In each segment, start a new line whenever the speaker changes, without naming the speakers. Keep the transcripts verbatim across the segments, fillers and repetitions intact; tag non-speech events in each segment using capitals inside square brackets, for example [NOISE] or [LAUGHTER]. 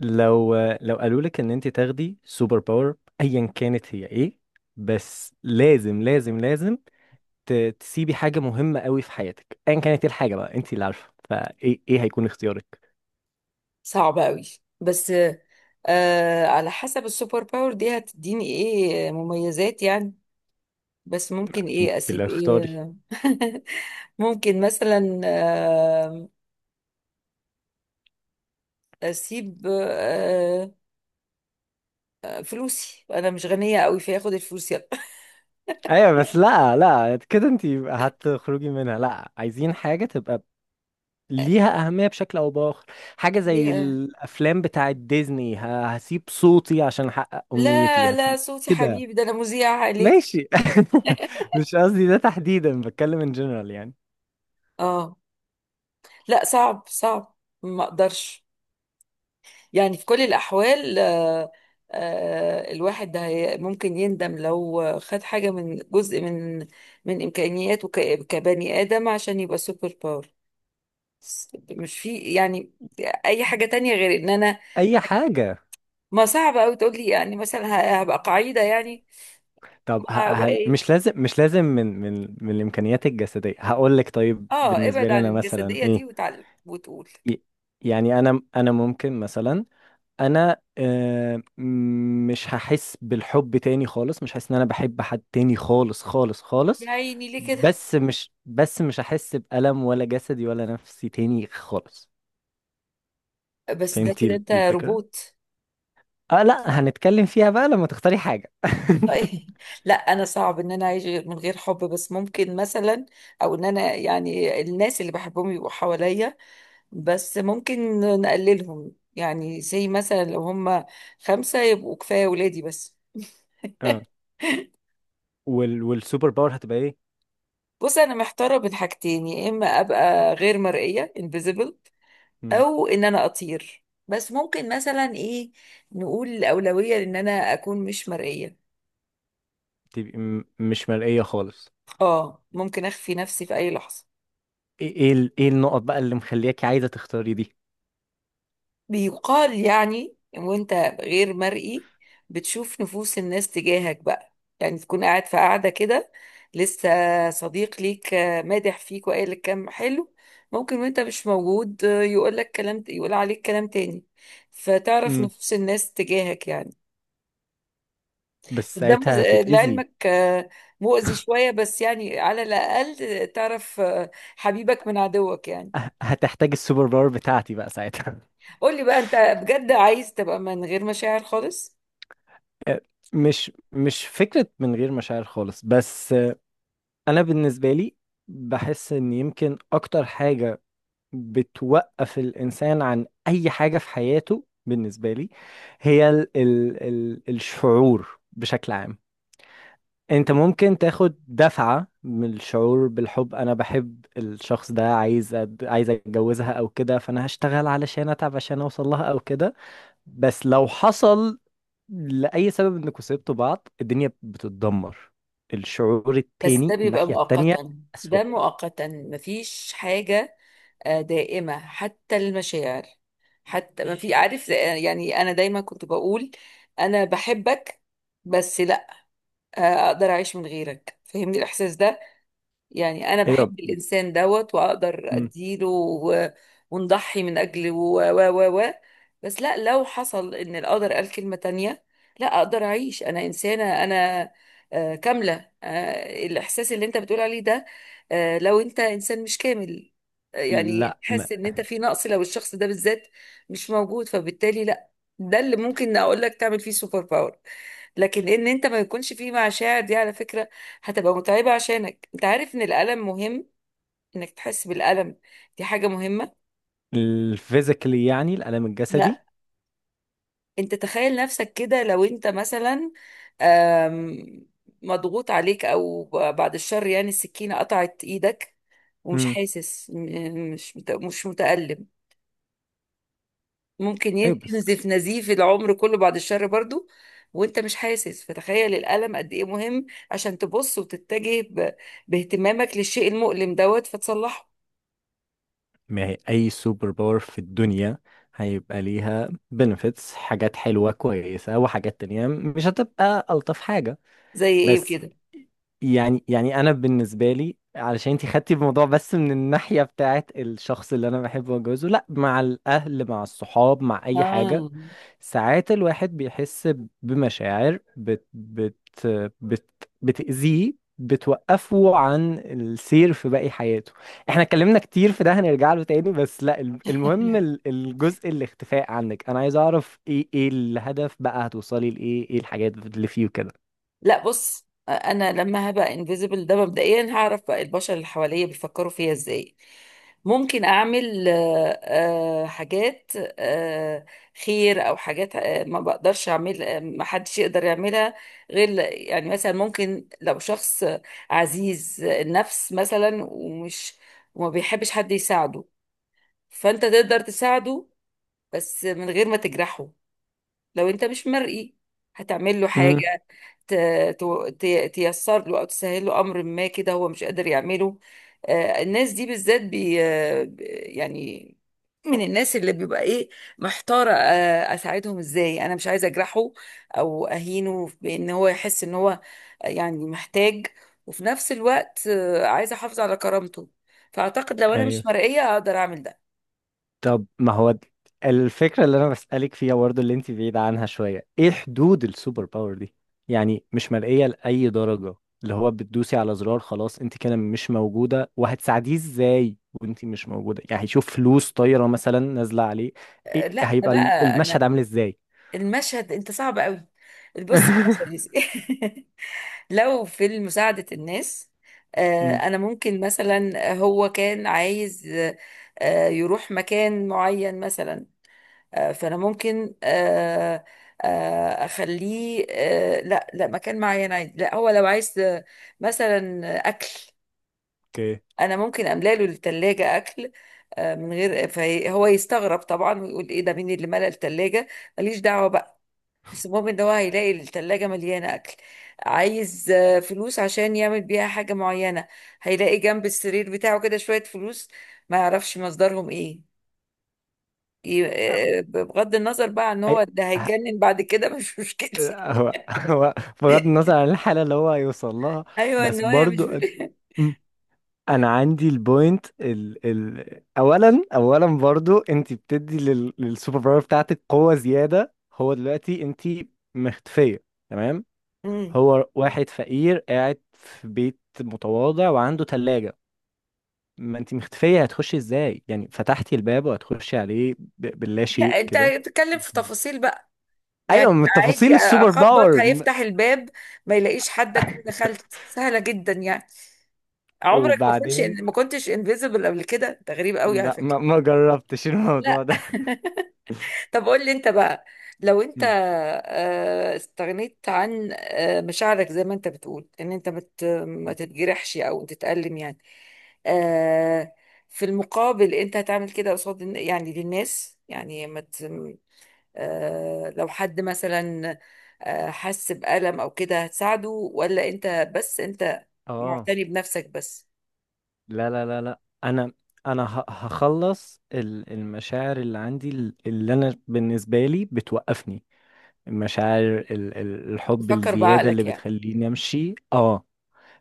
لو لو قالوا لك ان انت تاخدي سوبر باور، ايا كانت هي ايه؟ بس لازم لازم لازم ت- تسيبي حاجة مهمة قوي في حياتك، ايا كانت ايه الحاجة بقى، انت اللي عارفة، فايه ايه هيكون اختيارك؟
صعب قوي. بس آه على حسب السوبر باور دي هتديني ايه مميزات؟ يعني بس ممكن ايه
انت اللي
اسيب
اختاري.
ايه [LAUGHS] ممكن مثلا آه اسيب آه آه، فلوسي، انا مش غنية قوي فاخد الفلوس يلا.
ايوه بس لا لا كده انت هتخرجي منها، لا عايزين حاجة تبقى ليها أهمية بشكل أو بآخر. حاجة
[LAUGHS]
زي
ليه؟
الأفلام بتاعة ديزني، ه- هسيب صوتي عشان أحقق
لا
أمنيتي،
لا،
هسيب
صوتي
كده.
حبيبي ده، انا مذيعة عليك.
ماشي. [LAUGHS] مش قصدي ده تحديدا، بتكلم ان جنرال يعني.
اه، لا صعب صعب، ما اقدرش. يعني في كل الأحوال آه، آه، الواحد ده هي- ممكن يندم لو خد حاجة من جزء من من إمكانياته ك- كبني آدم عشان يبقى سوبر باور. بس مش في يعني أي حاجة تانية غير إن أنا.
اي حاجه.
ما صعب أوي تقول لي يعني مثلا ه- هبقى قاعدة يعني.
طب ه-
ما هبقى
هل
إيه؟
مش لازم، مش لازم من من من الامكانيات الجسديه، هقول لك طيب،
آه،
بالنسبه
ابعد
لي
عن
انا مثلا
الجسدية دي
ايه؟
وتعلم وتقول.
ي- يعني انا انا ممكن مثلا انا آه، م- مش هحس بالحب تاني خالص، مش هحس ان انا بحب حد تاني خالص خالص
يا
خالص.
عيني، ليه كده؟
بس مش بس مش هحس بألم ولا جسدي ولا نفسي تاني خالص.
بس ده
فهمتي
كده أنت
الفكره؟
روبوت.
اه لا، هنتكلم فيها بقى لما تختاري حاجة.
طيب. لا، انا صعب ان انا اعيش من غير حب، بس ممكن مثلا. او ان انا يعني الناس اللي بحبهم يبقوا حواليا، بس ممكن نقللهم، يعني زي مثلا لو هم خمسة يبقوا كفاية، ولادي بس.
اه.
[LAUGHS]
وال والسوبر باور هتبقى ايه؟
بص، انا محتارة بين حاجتين: يا اما ابقى غير مرئية invisible،
مم.
او ان انا اطير. بس ممكن مثلا ايه، نقول الاولوية ان انا اكون مش مرئية.
تبقى م- مش مرئية خالص.
اه، ممكن اخفي نفسي في اي لحظة.
ايه ايه ال- إيه النقط بقى اللي مخلياكي عايزة تختاري دي؟
بيقال يعني وانت غير مرئي بتشوف نفوس الناس تجاهك بقى، يعني تكون قاعد في قاعدة كده، لسه صديق ليك آه، مادح فيك وقال لك كلام حلو، ممكن وانت مش موجود آه، يقول لك كلام، يقول عليك كلام تاني، فتعرف
مم.
نفوس الناس تجاهك يعني.
بس
ده مز-
ساعتها
آه،
هتتأذي.
لعلمك آه، مؤذي شوية، بس يعني على الأقل تعرف آه، حبيبك من عدوك يعني.
ه- هتحتاج السوبر باور بتاعتي بقى ساعتها.
قولي بقى انت، بجد عايز تبقى من غير مشاعر خالص؟
آه، مش، مش فكرة من غير مشاعر خالص، بس آه، انا بالنسبة لي بحس ان يمكن اكتر حاجة بتوقف الإنسان عن أي حاجة في حياته، بالنسبة لي، هي ال ال ال الشعور بشكل عام. أنت ممكن تاخد دفعة من الشعور بالحب، أنا بحب الشخص ده، عايز أد... عايز أتجوزها أو كده، فأنا هشتغل علشان أتعب عشان أوصل لها أو كده. بس لو حصل لأي سبب إنكوا سبتوا بعض، الدنيا بتتدمر. الشعور
بس ده
التاني،
بيبقى
الناحية التانية
مؤقتا.
أسوأ.
ده مؤقتا، مفيش حاجة آه، دائمة حتى المشاعر. حتى ما في عارف آه، يعني أنا دايما كنت بقول أنا بحبك، بس لا آه، أقدر أعيش من غيرك. فهمني الإحساس ده، يعني انا
أيوه.
بحب الانسان دوت واقدر
م.
اديله و- ونضحي من اجله و و و و بس لا، لو حصل ان القدر قال كلمة تانية لا اقدر اعيش. انا انسانة، انا آه، كاملة آه، الاحساس اللي انت بتقول عليه ده. آه، لو انت انسان مش كامل آه، يعني
لا.
تحس ان انت في نقص لو الشخص ده بالذات مش موجود، فبالتالي لا. ده اللي ممكن اقول لك تعمل فيه سوبر باور. لكن ان انت ما يكونش فيه مشاعر دي، على فكرة هتبقى متعبة، عشانك انت عارف ان الألم مهم. انك تحس بالألم، دي حاجة مهمة.
الفيزيكالي يعني الألم
لا،
الجسدي.
انت تخيل نفسك كده لو انت مثلا آم، مضغوط عليك او ب- بعد الشر، يعني السكينة قطعت ايدك ومش
امم.
حاسس، م- مش مت- مش متألم. ممكن
ايوه
ين-
بس.
تنزف نزيف العمر كله بعد الشر برضو وانت مش حاسس. فتخيل الألم قد ايه مهم، عشان تبص وتتجه ب- باهتمامك للشيء المؤلم دوت فتصلحه.
ما هي اي سوبر باور في الدنيا هيبقى ليها بنفيتس، حاجات حلوة كويسة، وحاجات تانية مش هتبقى ألطف حاجة.
زي ايه
بس
كده؟
يعني يعني انا بالنسبة لي، علشان انتي خدتي الموضوع بس من الناحية بتاعت الشخص اللي انا بحبه واتجوزه، لا، مع الاهل، مع الصحاب، مع اي حاجة.
اه.
ساعات الواحد بيحس بمشاعر بت بت بت بتأذيه، بتوقفه عن السير في باقي حياته. احنا اتكلمنا كتير في ده، هنرجع له تاني، بس لا، الم- المهم ال-
[LAUGHS]
الجزء الاختفاء عنك، انا عايز اعرف ايه، ايه الهدف بقى؟ هتوصلي لايه؟ ايه الحاجات اللي فيه كده؟
لا، بص انا لما هبقى انفيزبل، ده مبدئيا هعرف بقى البشر اللي حواليا بيفكروا فيها ازاي. ممكن اعمل آه، آه، حاجات آه، خير او حاجات آه، ما بقدرش اعمل، آه، ما حدش يقدر يعملها غير ل- يعني مثلا ممكن لو شخص عزيز النفس مثلا ومش وما بيحبش حد يساعده، فانت تقدر تساعده بس من غير ما تجرحه. لو انت مش مرئي هتعمل له
امم.
حاجة ت- ت- تيسر له او تسهل له امر ما، كده هو مش قادر يعمله. آه، الناس دي بالذات بي آه، ب- يعني من الناس اللي بيبقى ايه محتارة آه، اساعدهم ازاي. انا مش عايزة اجرحه او اهينه بان هو يحس ان هو يعني محتاج، وفي نفس الوقت آه، عايزة احافظ على كرامته. فاعتقد لو انا
ايوه.
مش مرئية اقدر اعمل ده.
طب ما هو د- الفكرة اللي أنا بسألك فيها برضه اللي أنت بعيدة عنها شوية، إيه حدود السوبر باور دي؟ يعني مش مرئية لأي درجة؟ اللي هو بتدوسي على زرار خلاص أنت كده مش موجودة، وهتساعديه إزاي وأنت مش موجودة؟ يعني هيشوف فلوس طايرة مثلا نازلة عليه؟
آه،
إيه
لا
هيبقى ال-
بقى، انا
المشهد عامل إزاي؟
المشهد انت صعب قوي. بص. [LAUGHS]
[LAUGHS]
المشهد لو في مساعدة الناس، آه،
أمم،
أنا ممكن مثلا، هو كان عايز آه، آه، يروح مكان معين مثلا. آه، فأنا ممكن آه، آه، أخليه، آه، لا لا، مكان معين عايز، لا هو لو عايز آه، مثلا أكل،
أوكي.
أنا ممكن أملى له التلاجة أكل، آه، من غير. فهو يستغرب طبعا ويقول إيه ده؟ مين اللي ملى التلاجة؟ ماليش دعوة بقى، بس المهم ان هو هيلاقي التلاجة مليانة اكل. عايز آه، فلوس عشان يعمل بيها حاجة معينة، هيلاقي جنب السرير بتاعه كده شوية فلوس، ما يعرفش مصدرهم ايه. ي-
أو-
آه، بغض النظر بقى عن هو،
أي-
ده
ه-
هيتجنن بعد كده، مش مشكلتي.
هو هو بغض النظر عن الحالة اللي هو هيوصل لها.
[LAUGHS] ايوه،
بس
النوايا مش.
برضه انا عندي البوينت ال ال اولا اولا، برضو انت بتدي لل للسوبر باور بتاعتك قوه زياده. هو دلوقتي انت مختفيه، تمام؟
[LAUGHS] مم.
هو واحد فقير قاعد في بيت متواضع وعنده ثلاجه، ما انت مختفيه، هتخشي ازاي يعني؟ فتحتي الباب وهتخشي عليه ب- باللا شيء
لا، انت
كده.
بتتكلم في
مهم.
تفاصيل بقى
ايوه
يعني.
من تفاصيل
عادي،
السوبر
اخبط
باور م-
هيفتح الباب، ما يلاقيش حد، اكون دخلت،
[LAUGHS]
سهلة جدا يعني. عمرك ما كنتش
وبعدين.
ما كنتش انفيزبل قبل كده؟ ده غريب قوي على
لا
فكرة.
ما, ما جربتش الموضوع
لا.
ده.
[LAUGHS] طب قول لي انت بقى، لو
[LAUGHS]
انت
مم.
آه، استغنيت عن آه، مشاعرك زي ما انت بتقول ان انت مت ما
مم.
تتجرحش او تتألم يعني، آه، في المقابل انت هتعمل كده قصاد الن- يعني للناس، يعني ما ت- آه، لو حد مثلا آه، حس بألم او كده هتساعده؟ ولا انت بس انت
اه
معتني بنفسك بس،
لا لا لا لا، انا انا ه- هخلص ال- المشاعر اللي عندي ال- اللي انا بالنسبه لي بتوقفني، المشاعر، ال- ال- الحب
تفكر
الزياده اللي
بعقلك يعني؟
بتخليني امشي، اه.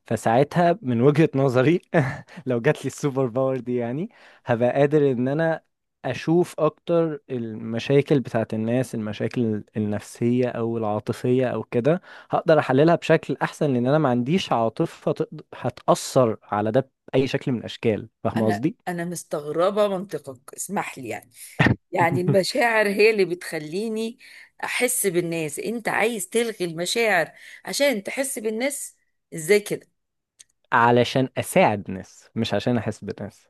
فساعتها من وجهة نظري، [LAUGHS] لو جات لي السوبر باور دي يعني، هبقى قادر ان انا اشوف اكتر المشاكل بتاعت الناس، المشاكل النفسية او العاطفية او كده، هقدر احللها بشكل احسن، لان انا ما عنديش عاطفة تقد- هتأثر على ده بأي شكل من الاشكال، فاهم
انا
قصدي؟
انا مستغربه منطقك، اسمح لي يعني. يعني
[LAUGHS]
المشاعر هي اللي بتخليني احس بالناس. انت عايز تلغي المشاعر عشان تحس بالناس؟ ازاي كده؟
علشان اساعد ناس، مش عشان احس بناس.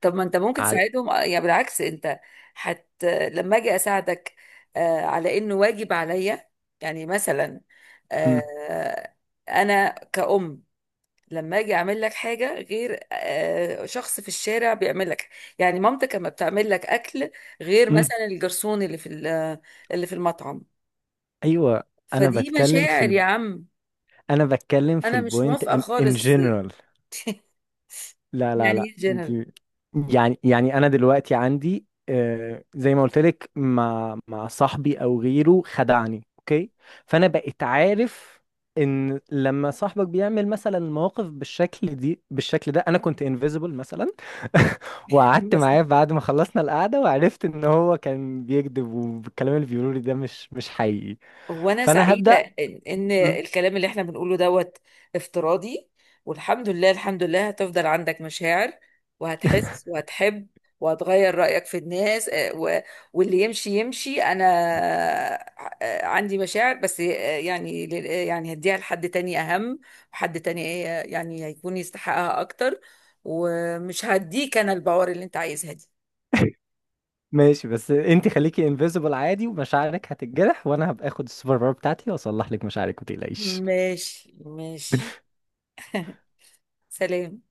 طب ما انت ممكن
على.
تساعدهم آه، يعني. بالعكس، انت حت لما اجي اساعدك آه، على انه واجب عليا. يعني مثلا
مم.
آه، انا كأم لما اجي اعمل لك حاجه غير آه، شخص في الشارع بيعمل لك. يعني مامتك لما بتعمل لك اكل غير
مم.
مثلا الجرسون اللي في ال- اللي في المطعم.
ايوه. انا
فدي
بتكلم في
مشاعر
ال...
يا عم.
انا بتكلم في
انا مش
البوينت
موافقه
ان ان
خالص.
جنرال. لا لا
يعني
لا
ايه
انت.
جنرال؟
يعني يعني انا دلوقتي عندي آه، زي ما قلت لك، مع مع صاحبي او غيره خدعني، اوكي، فانا بقيت عارف. ان لما صاحبك بيعمل مثلا مواقف بالشكل دي بالشكل ده، انا كنت انفيزبل مثلا، [LAUGHS] وقعدت معاه
[LAUGHS]
بعد ما خلصنا القعده، وعرفت ان هو كان بيكذب، والكلام اللي بيقوله لي ده مش مش حقيقي.
هو أنا
فانا
سعيدة
هبدأ.
إن إن الكلام اللي إحنا بنقوله دوت افتراضي. والحمد لله، الحمد لله هتفضل عندك مشاعر، وهتحس
[LAUGHS]
وهتحب، وهتغير رأيك في الناس، آه، و- واللي يمشي يمشي. أنا آه، عندي مشاعر بس، آه، يعني لل- آه، يعني هديها لحد تاني أهم، وحد تاني آه، يعني هيكون يستحقها أكتر، ومش هديك أنا البوار اللي أنت عايزها دي.
ماشي، بس انت خليكي انفيزبل عادي، ومشاعرك هتتجرح، وانا هبقى اخد السوبر باور بتاعتي واصلح لك مشاعرك، ما تقلقيش.
ماشي ماشي، سلام.